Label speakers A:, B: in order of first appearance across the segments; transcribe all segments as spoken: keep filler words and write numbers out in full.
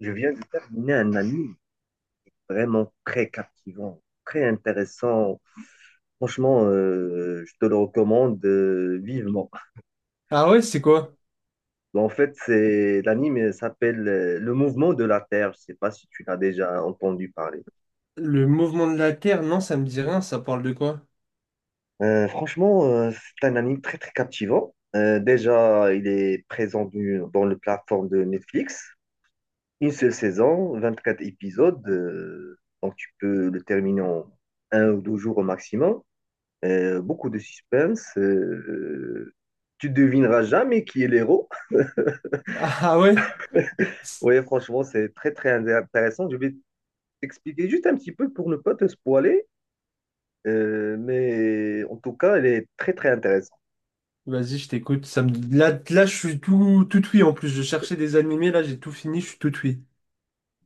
A: Je viens de terminer un anime vraiment très captivant, très intéressant. Franchement, euh, je te le recommande euh, vivement.
B: Ah ouais, c'est quoi?
A: Bon, En fait, c'est l'anime euh, s'appelle euh, Le Mouvement de la Terre. Je sais pas si tu l'as déjà entendu parler.
B: Le Mouvement de la Terre? Non, ça me dit rien, ça parle de quoi?
A: Euh, franchement, euh, c'est un anime très très captivant. Euh, déjà, il est présent du- dans la plateforme de Netflix. Une seule saison, vingt-quatre épisodes. Euh, donc tu peux le terminer en un ou deux jours au maximum. Euh, beaucoup de suspense. Euh, tu devineras jamais qui est l'héros.
B: Ah ouais?
A: Oui, franchement, c'est très, très intéressant. Je vais t'expliquer juste un petit peu pour ne pas te spoiler, euh, mais en tout cas, elle est très, très intéressante.
B: Vas-y, je t'écoute. Ça me... Là, là, je suis tout, tout oui en plus. Je cherchais des animés, là, j'ai tout fini, je suis tout oui.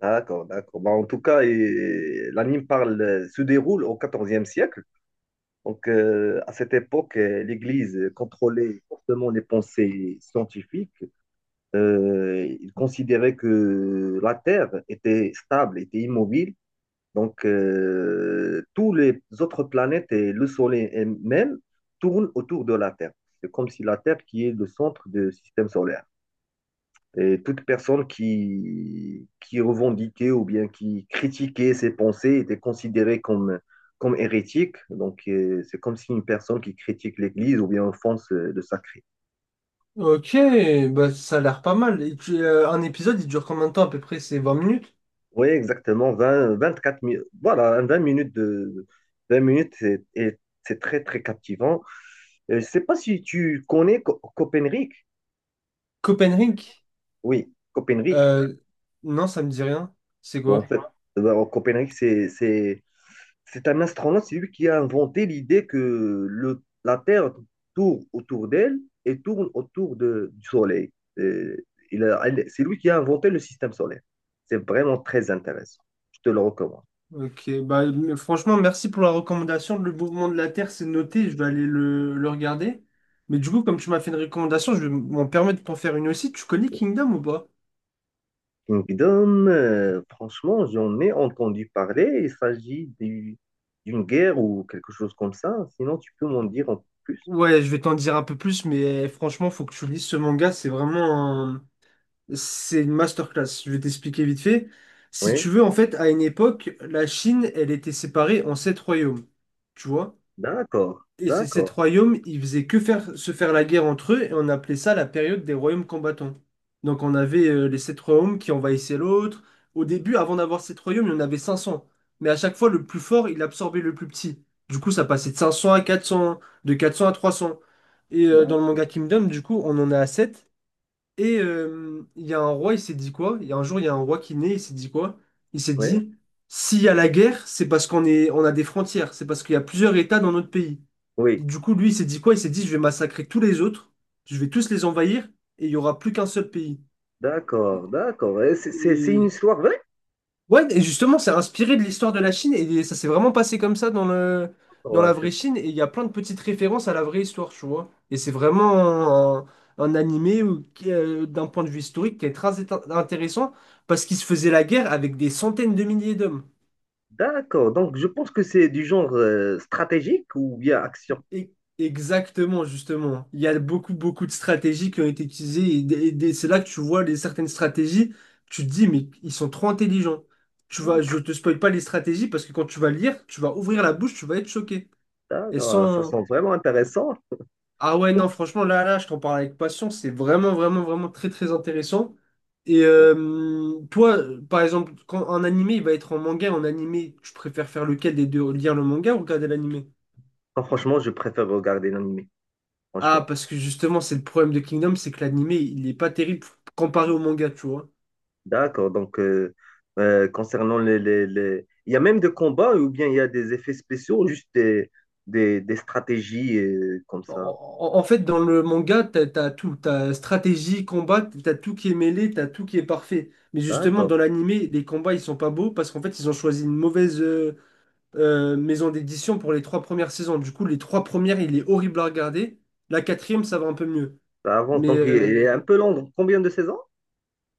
A: D'accord, d'accord. Bah, en tout cas, et- l'anime parle, euh, se déroule au XIVe siècle. Donc, euh, à cette époque, euh, l'Église contrôlait fortement les pensées scientifiques. Euh, il considérait que la Terre était stable, était immobile. Donc, euh, tous les autres planètes et le Soleil même tournent autour de la Terre. C'est comme si la Terre qui est le centre du système solaire. Et toute personne qui, qui revendiquait ou bien qui critiquait ses pensées était considérée comme, comme hérétique. Donc, euh, c'est comme si une personne qui critique l'Église ou bien offense euh, le sacré.
B: Ok, bah ça a l'air pas mal. Et tu- euh, un épisode, il dure combien de temps à peu près? C'est vingt minutes?
A: Oui, exactement, vingt vingt-quatre minutes. Voilà, vingt minutes de vingt minutes, c'est et c'est très, très captivant. Euh, Je ne sais pas si tu connais Co- Copenhague.
B: Copenhague?
A: Oui, Copenhague.
B: Euh, non, ça me dit rien. C'est
A: En
B: quoi?
A: fait, euh, Copenhague, c'est, c'est, c'est un astronaute, c'est lui qui a inventé l'idée que le, la Terre tourne autour d'elle et tourne autour de- du Soleil. Euh, il a- elle- c'est lui qui a inventé le système solaire. C'est vraiment très intéressant. Je te le recommande.
B: Ok, bah, mais franchement, merci pour la recommandation. Le Mouvement de la Terre, c'est noté, je vais aller le, le regarder. Mais du coup, comme tu m'as fait une recommandation, je vais m'en permettre de t'en faire une aussi. Tu connais Kingdom ou pas?
A: Kingdom, euh, franchement, j'en ai entendu parler. Il s'agit du- d'une guerre ou quelque chose comme ça. Sinon, tu peux m'en dire un peu plus.
B: Ouais, je vais t'en dire un peu plus, mais eh, franchement, faut que tu lises ce manga. C'est vraiment un- c'est une masterclass. Je vais t'expliquer vite fait. Si
A: Oui,
B: tu veux, en fait, à une époque, la Chine, elle était séparée en sept royaumes. Tu vois?
A: d'accord,
B: Et ces sept
A: d'accord,
B: royaumes, ils faisaient que faire, se faire la guerre entre eux, et on appelait ça la période des royaumes combattants. Donc on avait euh, les sept royaumes qui envahissaient l'autre. Au début, avant d'avoir sept royaumes, il y en avait cinq cents. Mais à chaque fois, le plus fort, il absorbait le plus petit. Du coup, ça passait de cinq cents à quatre cents, de quatre cents à trois cents. Et euh, dans le
A: d'accord.
B: manga Kingdom, du coup, on en est à sept. Et euh, il y a un roi, il s'est dit quoi? Il y a un jour, il y a un roi qui naît, il s'est dit quoi? Il s'est
A: Oui,
B: dit, s'il y a la guerre, c'est parce qu'on est, on a des frontières, c'est parce qu'il y a plusieurs États dans notre pays.
A: oui,
B: Du coup, lui, il s'est dit quoi? Il s'est dit, je vais massacrer tous les autres, je vais tous les envahir, et il y aura plus qu'un seul pays.
A: d'accord, d'accord. Et C'est c'est- c'est une
B: Et
A: histoire vraie?
B: Ouais, et justement, c'est inspiré de l'histoire de la Chine et ça s'est vraiment passé comme ça dans le, dans
A: Ouais,
B: la
A: c'est-
B: vraie Chine. Et il y a plein de petites références à la vraie histoire, tu vois. Et c'est vraiment un, un animé où- qui, euh, d'un point de vue historique qui est très int- intéressant parce qu'il se faisait la guerre avec des centaines de milliers d'hommes.
A: D'accord. Donc, je pense que c'est du genre euh, stratégique ou bien action.
B: Et- Exactement, justement. Il y a beaucoup, beaucoup de stratégies qui ont été utilisées et, des- et des- c'est là que tu vois les, certaines stratégies. Tu te dis, mais ils sont trop intelligents. Tu vas,
A: D'accord,
B: je te spoil pas les stratégies parce que quand tu vas lire, tu vas ouvrir la bouche, tu vas être choqué. Elles
A: d'accord. Ça
B: sont...
A: sent vraiment intéressant.
B: Ah ouais, non, franchement, là, là, je t'en parle avec passion. C'est vraiment, vraiment, vraiment très, très intéressant. Et euh, toi, par exemple, quand un animé, il va être en manga, en animé, tu préfères faire lequel des deux? Lire le manga ou regarder l'animé?
A: Non, franchement, je préfère regarder l'anime.
B: Ah,
A: Franchement.
B: parce que justement, c'est le problème de Kingdom, c'est que l'animé, il est pas terrible comparé au manga, tu vois.
A: D'accord, donc euh, euh, concernant les, les, les- Il y a même des combats ou bien il y a des effets spéciaux, juste des, des, des stratégies euh, comme
B: En,
A: ça.
B: en- en fait, dans le manga, t'as, t'as tout. T'as stratégie, combat, t'as tout qui est mêlé, t'as tout qui est parfait. Mais justement,
A: D'accord,
B: dans l'animé, les combats, ils sont pas beaux parce qu'en fait, ils ont choisi une mauvaise... euh, euh, maison d'édition pour les trois premières saisons. Du coup, les trois premières, il est horrible à regarder. La quatrième, ça va un peu mieux.
A: ça avance.
B: Mais
A: Donc il est un
B: euh,
A: peu long. Donc, combien de saisons?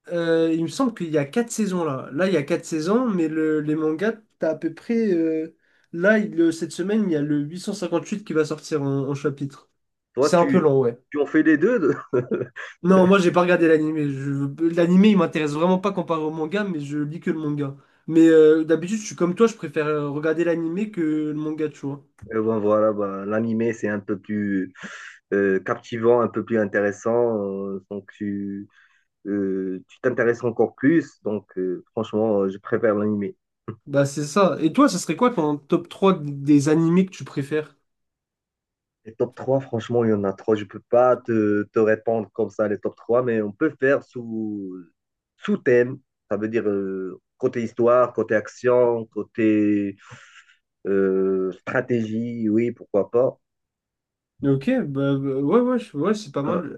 B: euh, il me semble qu'il y a quatre saisons là. Là, il y a quatre saisons, mais le, les mangas, t'as à peu près. Euh, là, il- le- cette semaine, il y a le huit cent cinquante-huit qui va sortir en, en chapitre.
A: Toi,
B: C'est un peu
A: tu,
B: long, ouais.
A: tu en fais les deux? De-
B: Non, moi, j'ai pas regardé l'animé. Je- L'animé, il m'intéresse vraiment pas comparé au manga, mais je lis que le manga. Mais euh, d'habitude, je suis comme toi, je préfère euh, regarder l'animé que le manga, tu vois.
A: Euh, bon, voilà, ben, l'animé, c'est un peu plus euh, captivant, un peu plus intéressant. euh, donc tu euh, tu t'intéresses encore plus. Donc euh, franchement, je préfère l'animé.
B: Bah c'est ça. Et toi, ça serait quoi ton top trois des animés que tu préfères?
A: Les top trois, franchement, il y en a trop. Je peux pas te, te répondre comme ça, les top trois, mais on peut faire sous, sous thème. Ça veut dire euh, côté histoire, côté action, côté euh, stratégie, oui, pourquoi pas.
B: Ok, bah, bah, ouais, ouais, je- ouais, c'est pas
A: Euh,
B: mal.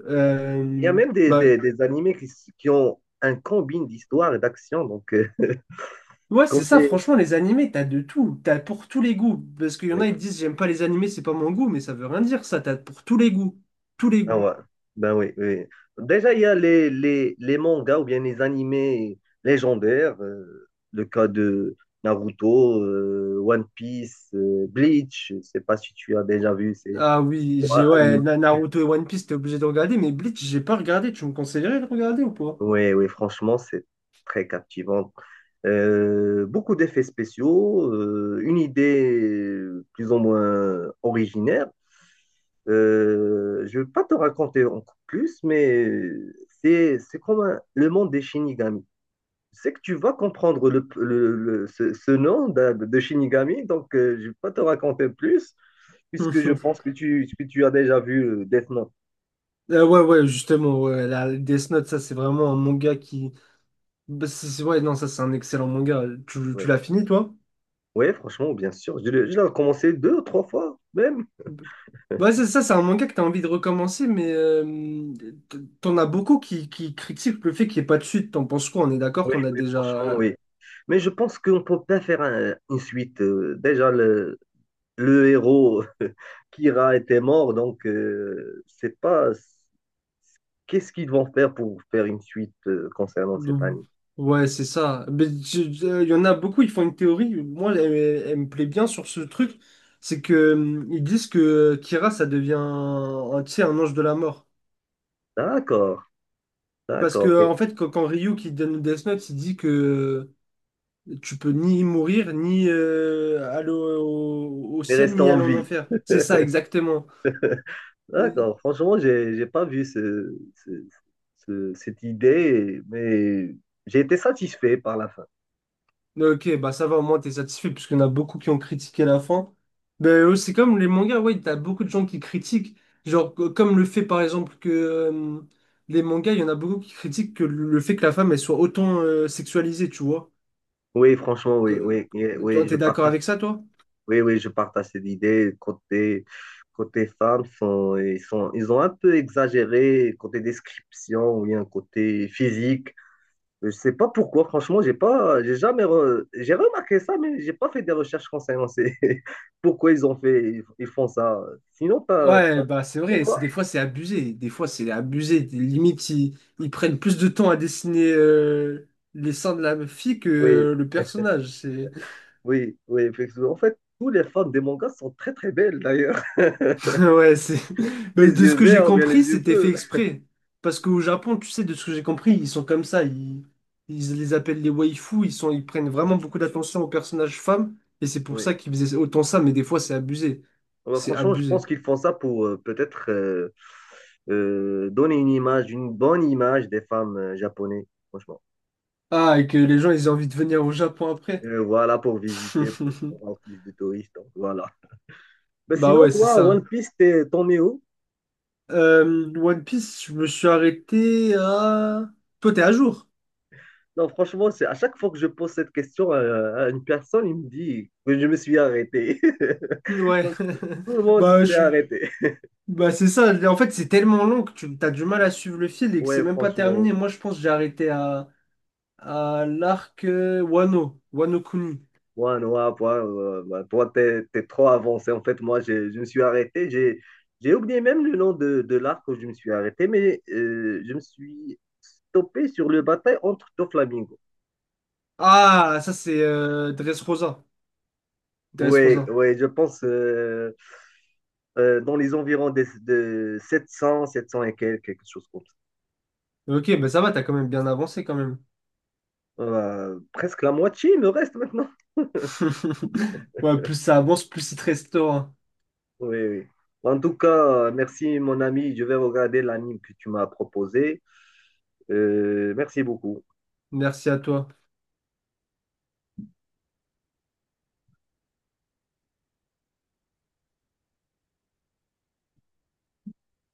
A: Il y a
B: Euh,
A: même des,
B: bah,
A: des, des animés qui, s- qui ont un combine d'histoire et d'action, donc euh,
B: ouais, c'est ça,
A: combien-
B: franchement, les animés, t'as de tout. T'as pour tous les goûts. Parce qu'il y en
A: oui.
B: a, ils te disent, j'aime pas les animés, c'est pas mon goût, mais ça veut rien dire, ça. T'as pour tous les goûts. Tous les
A: Ah
B: goûts.
A: ouais, ben oui, oui, oui. Déjà, il y a les, les, les mangas ou bien les animés légendaires, euh, le cas de Naruto, euh, One Piece, euh, Bleach, je sais pas si tu as déjà vu ces
B: Ah oui,
A: trois
B: j'ai, ouais,
A: animés.
B: Na- Naruto et One Piece, t'es obligé de regarder, mais Bleach, j'ai pas regardé. Tu me conseillerais de regarder ou pas?
A: Oui, oui, franchement, c'est très captivant. Euh, beaucoup d'effets spéciaux, euh, une idée plus ou moins originaire. Euh, je ne vais pas te raconter encore plus, mais c'est c'est comme un- le monde des Shinigami. C'est que tu vas comprendre le, le- le- ce, ce nom de, de Shinigami, donc euh, je ne vais pas te raconter plus, puisque je pense que tu, que tu as déjà vu euh, Death Note.
B: Euh, ouais, ouais, justement, ouais, la Death Note, ça, c'est vraiment un manga qui, Bah, c'est- c'est- ouais, non, ça c'est un excellent manga. Tu, tu
A: Oui,
B: l'as fini, toi?
A: ouais, franchement, bien sûr. Je l'ai je l'ai commencé deux ou trois fois, même.
B: Ouais, c'est ça, c'est un manga que t'as envie de recommencer, mais euh, t- t'en as beaucoup qui, qui critiquent le fait qu'il n'y ait pas de suite. T'en penses quoi? On est d'accord
A: Oui,
B: qu'on a
A: oui, franchement,
B: déjà.
A: oui. Mais je pense qu'on ne peut pas faire un- une suite. Euh, déjà, le, le héros Kira était mort, donc euh, c'est pas... Qu'est-ce qu'ils vont faire pour faire une suite euh, concernant cette année?
B: Ouais, c'est ça. Mais tu- tu- euh, il y en a beaucoup, ils font une théorie. Moi, elle, elle me plaît bien sur ce truc. C'est que euh, ils disent que Kira, ça devient un, un, tu sais, un ange de la mort.
A: D'accord,
B: Parce
A: d'accord,
B: que, en fait, quand, quand, Ryu qui donne Death Note, il dit que. Tu peux ni mourir, ni euh, aller au, au-
A: mais
B: ciel,
A: reste
B: ni
A: en
B: aller en
A: vie.
B: enfer. C'est ça, exactement. Et-
A: D'accord. Franchement, j'ai j'ai pas vu ce, ce- ce- cette idée, mais j'ai été satisfait par la fin.
B: Ok, bah ça va, au moins t'es satisfait, parce qu'il y en a beaucoup qui ont critiqué la fin. Ben, euh, c'est comme les mangas, ouais, t'as beaucoup de gens qui critiquent. Genre, co- comme le fait, par exemple, que euh, les mangas, il y en a beaucoup qui critiquent que le fait que la femme, elle soit autant euh, sexualisée, tu vois.
A: Oui, franchement, oui,
B: Que-
A: oui, oui,
B: que-
A: oui, je
B: T'es d'accord
A: partage,
B: avec ça, toi?
A: oui, oui, je partage cette idée. Côté, côté femmes, sont, ils sont, ils ont un peu exagéré côté description ou bien côté physique. Je sais pas pourquoi, franchement, j'ai pas, j'ai jamais, re- j'ai remarqué ça, mais j'ai pas fait des recherches concernant ces... pourquoi ils ont fait, ils, ils font ça. Sinon, t'as,
B: Ouais,
A: t'as-
B: bah c'est
A: et
B: vrai, c'est
A: toi?
B: des fois c'est abusé, des fois c'est abusé, Des- limites ils, ils prennent plus de temps à dessiner euh, les seins de la fille que
A: Oui,
B: euh, le personnage, c'est
A: oui, oui, effectivement. En fait, tous les femmes des mangas sont très très belles d'ailleurs.
B: ouais, c'est Bah,
A: Les
B: de ce
A: yeux
B: que j'ai
A: verts ou bien
B: compris,
A: les yeux
B: c'était fait
A: bleus.
B: exprès parce qu'au Japon, tu sais de ce que j'ai compris, ils sont comme ça, ils, ils les appellent les waifus, ils sont ils prennent vraiment beaucoup d'attention aux personnages femmes et c'est pour
A: Oui,
B: ça qu'ils faisaient autant ça, mais des fois c'est abusé.
A: bah
B: C'est
A: franchement, je pense
B: abusé.
A: qu'ils font ça pour euh, peut-être euh, euh, donner une image, une bonne image des femmes euh, japonaises, franchement.
B: Ah, et que les gens ils ont envie de venir au Japon après.
A: Euh, voilà, pour visiter, pour avoir plus de touristes. Donc, voilà. Ben
B: Bah
A: sinon,
B: ouais, c'est
A: toi, One
B: ça.
A: Piece, t'es- t'en es où?
B: Euh, One Piece, je me suis arrêté à... Toi, t'es à jour?
A: Non, franchement, c'est à chaque fois que je pose cette question à, à une personne, il me dit que je me suis arrêté.
B: Ouais.
A: Donc, tout le monde
B: Bah,
A: s'est
B: je-
A: arrêté.
B: bah c'est ça. En fait, c'est tellement long que tu as du mal à suivre le fil et que c'est
A: Ouais,
B: même pas
A: franchement,
B: terminé. Moi, je pense que j'ai arrêté à, à, l'arc euh, Wano, Wano Kuni.
A: moi, Noah, toi, euh, bah, toi, t'es, t'es trop avancé. En fait, moi, j'ai- je, me suis arrêté. J'ai, j'ai oublié même le nom de, de l'arc où je me suis arrêté, mais euh, je me suis stoppé sur le bataille entre Doflamingo.
B: Ah, ça, c'est euh, Dressrosa.
A: Ouais,
B: Dressrosa.
A: ouais, je pense. Euh, euh, dans les environs des- de sept cents, sept cents et quelques, quelque chose comme ça.
B: Ok, bah ça va, t'as quand même bien avancé quand même.
A: Euh, presque la moitié il me reste maintenant.
B: Ouais, plus ça avance, plus il te restera.
A: Oui, oui. En tout cas, euh, merci mon ami. Je vais regarder l'anime que tu m'as proposé. Euh, merci beaucoup.
B: Merci à toi.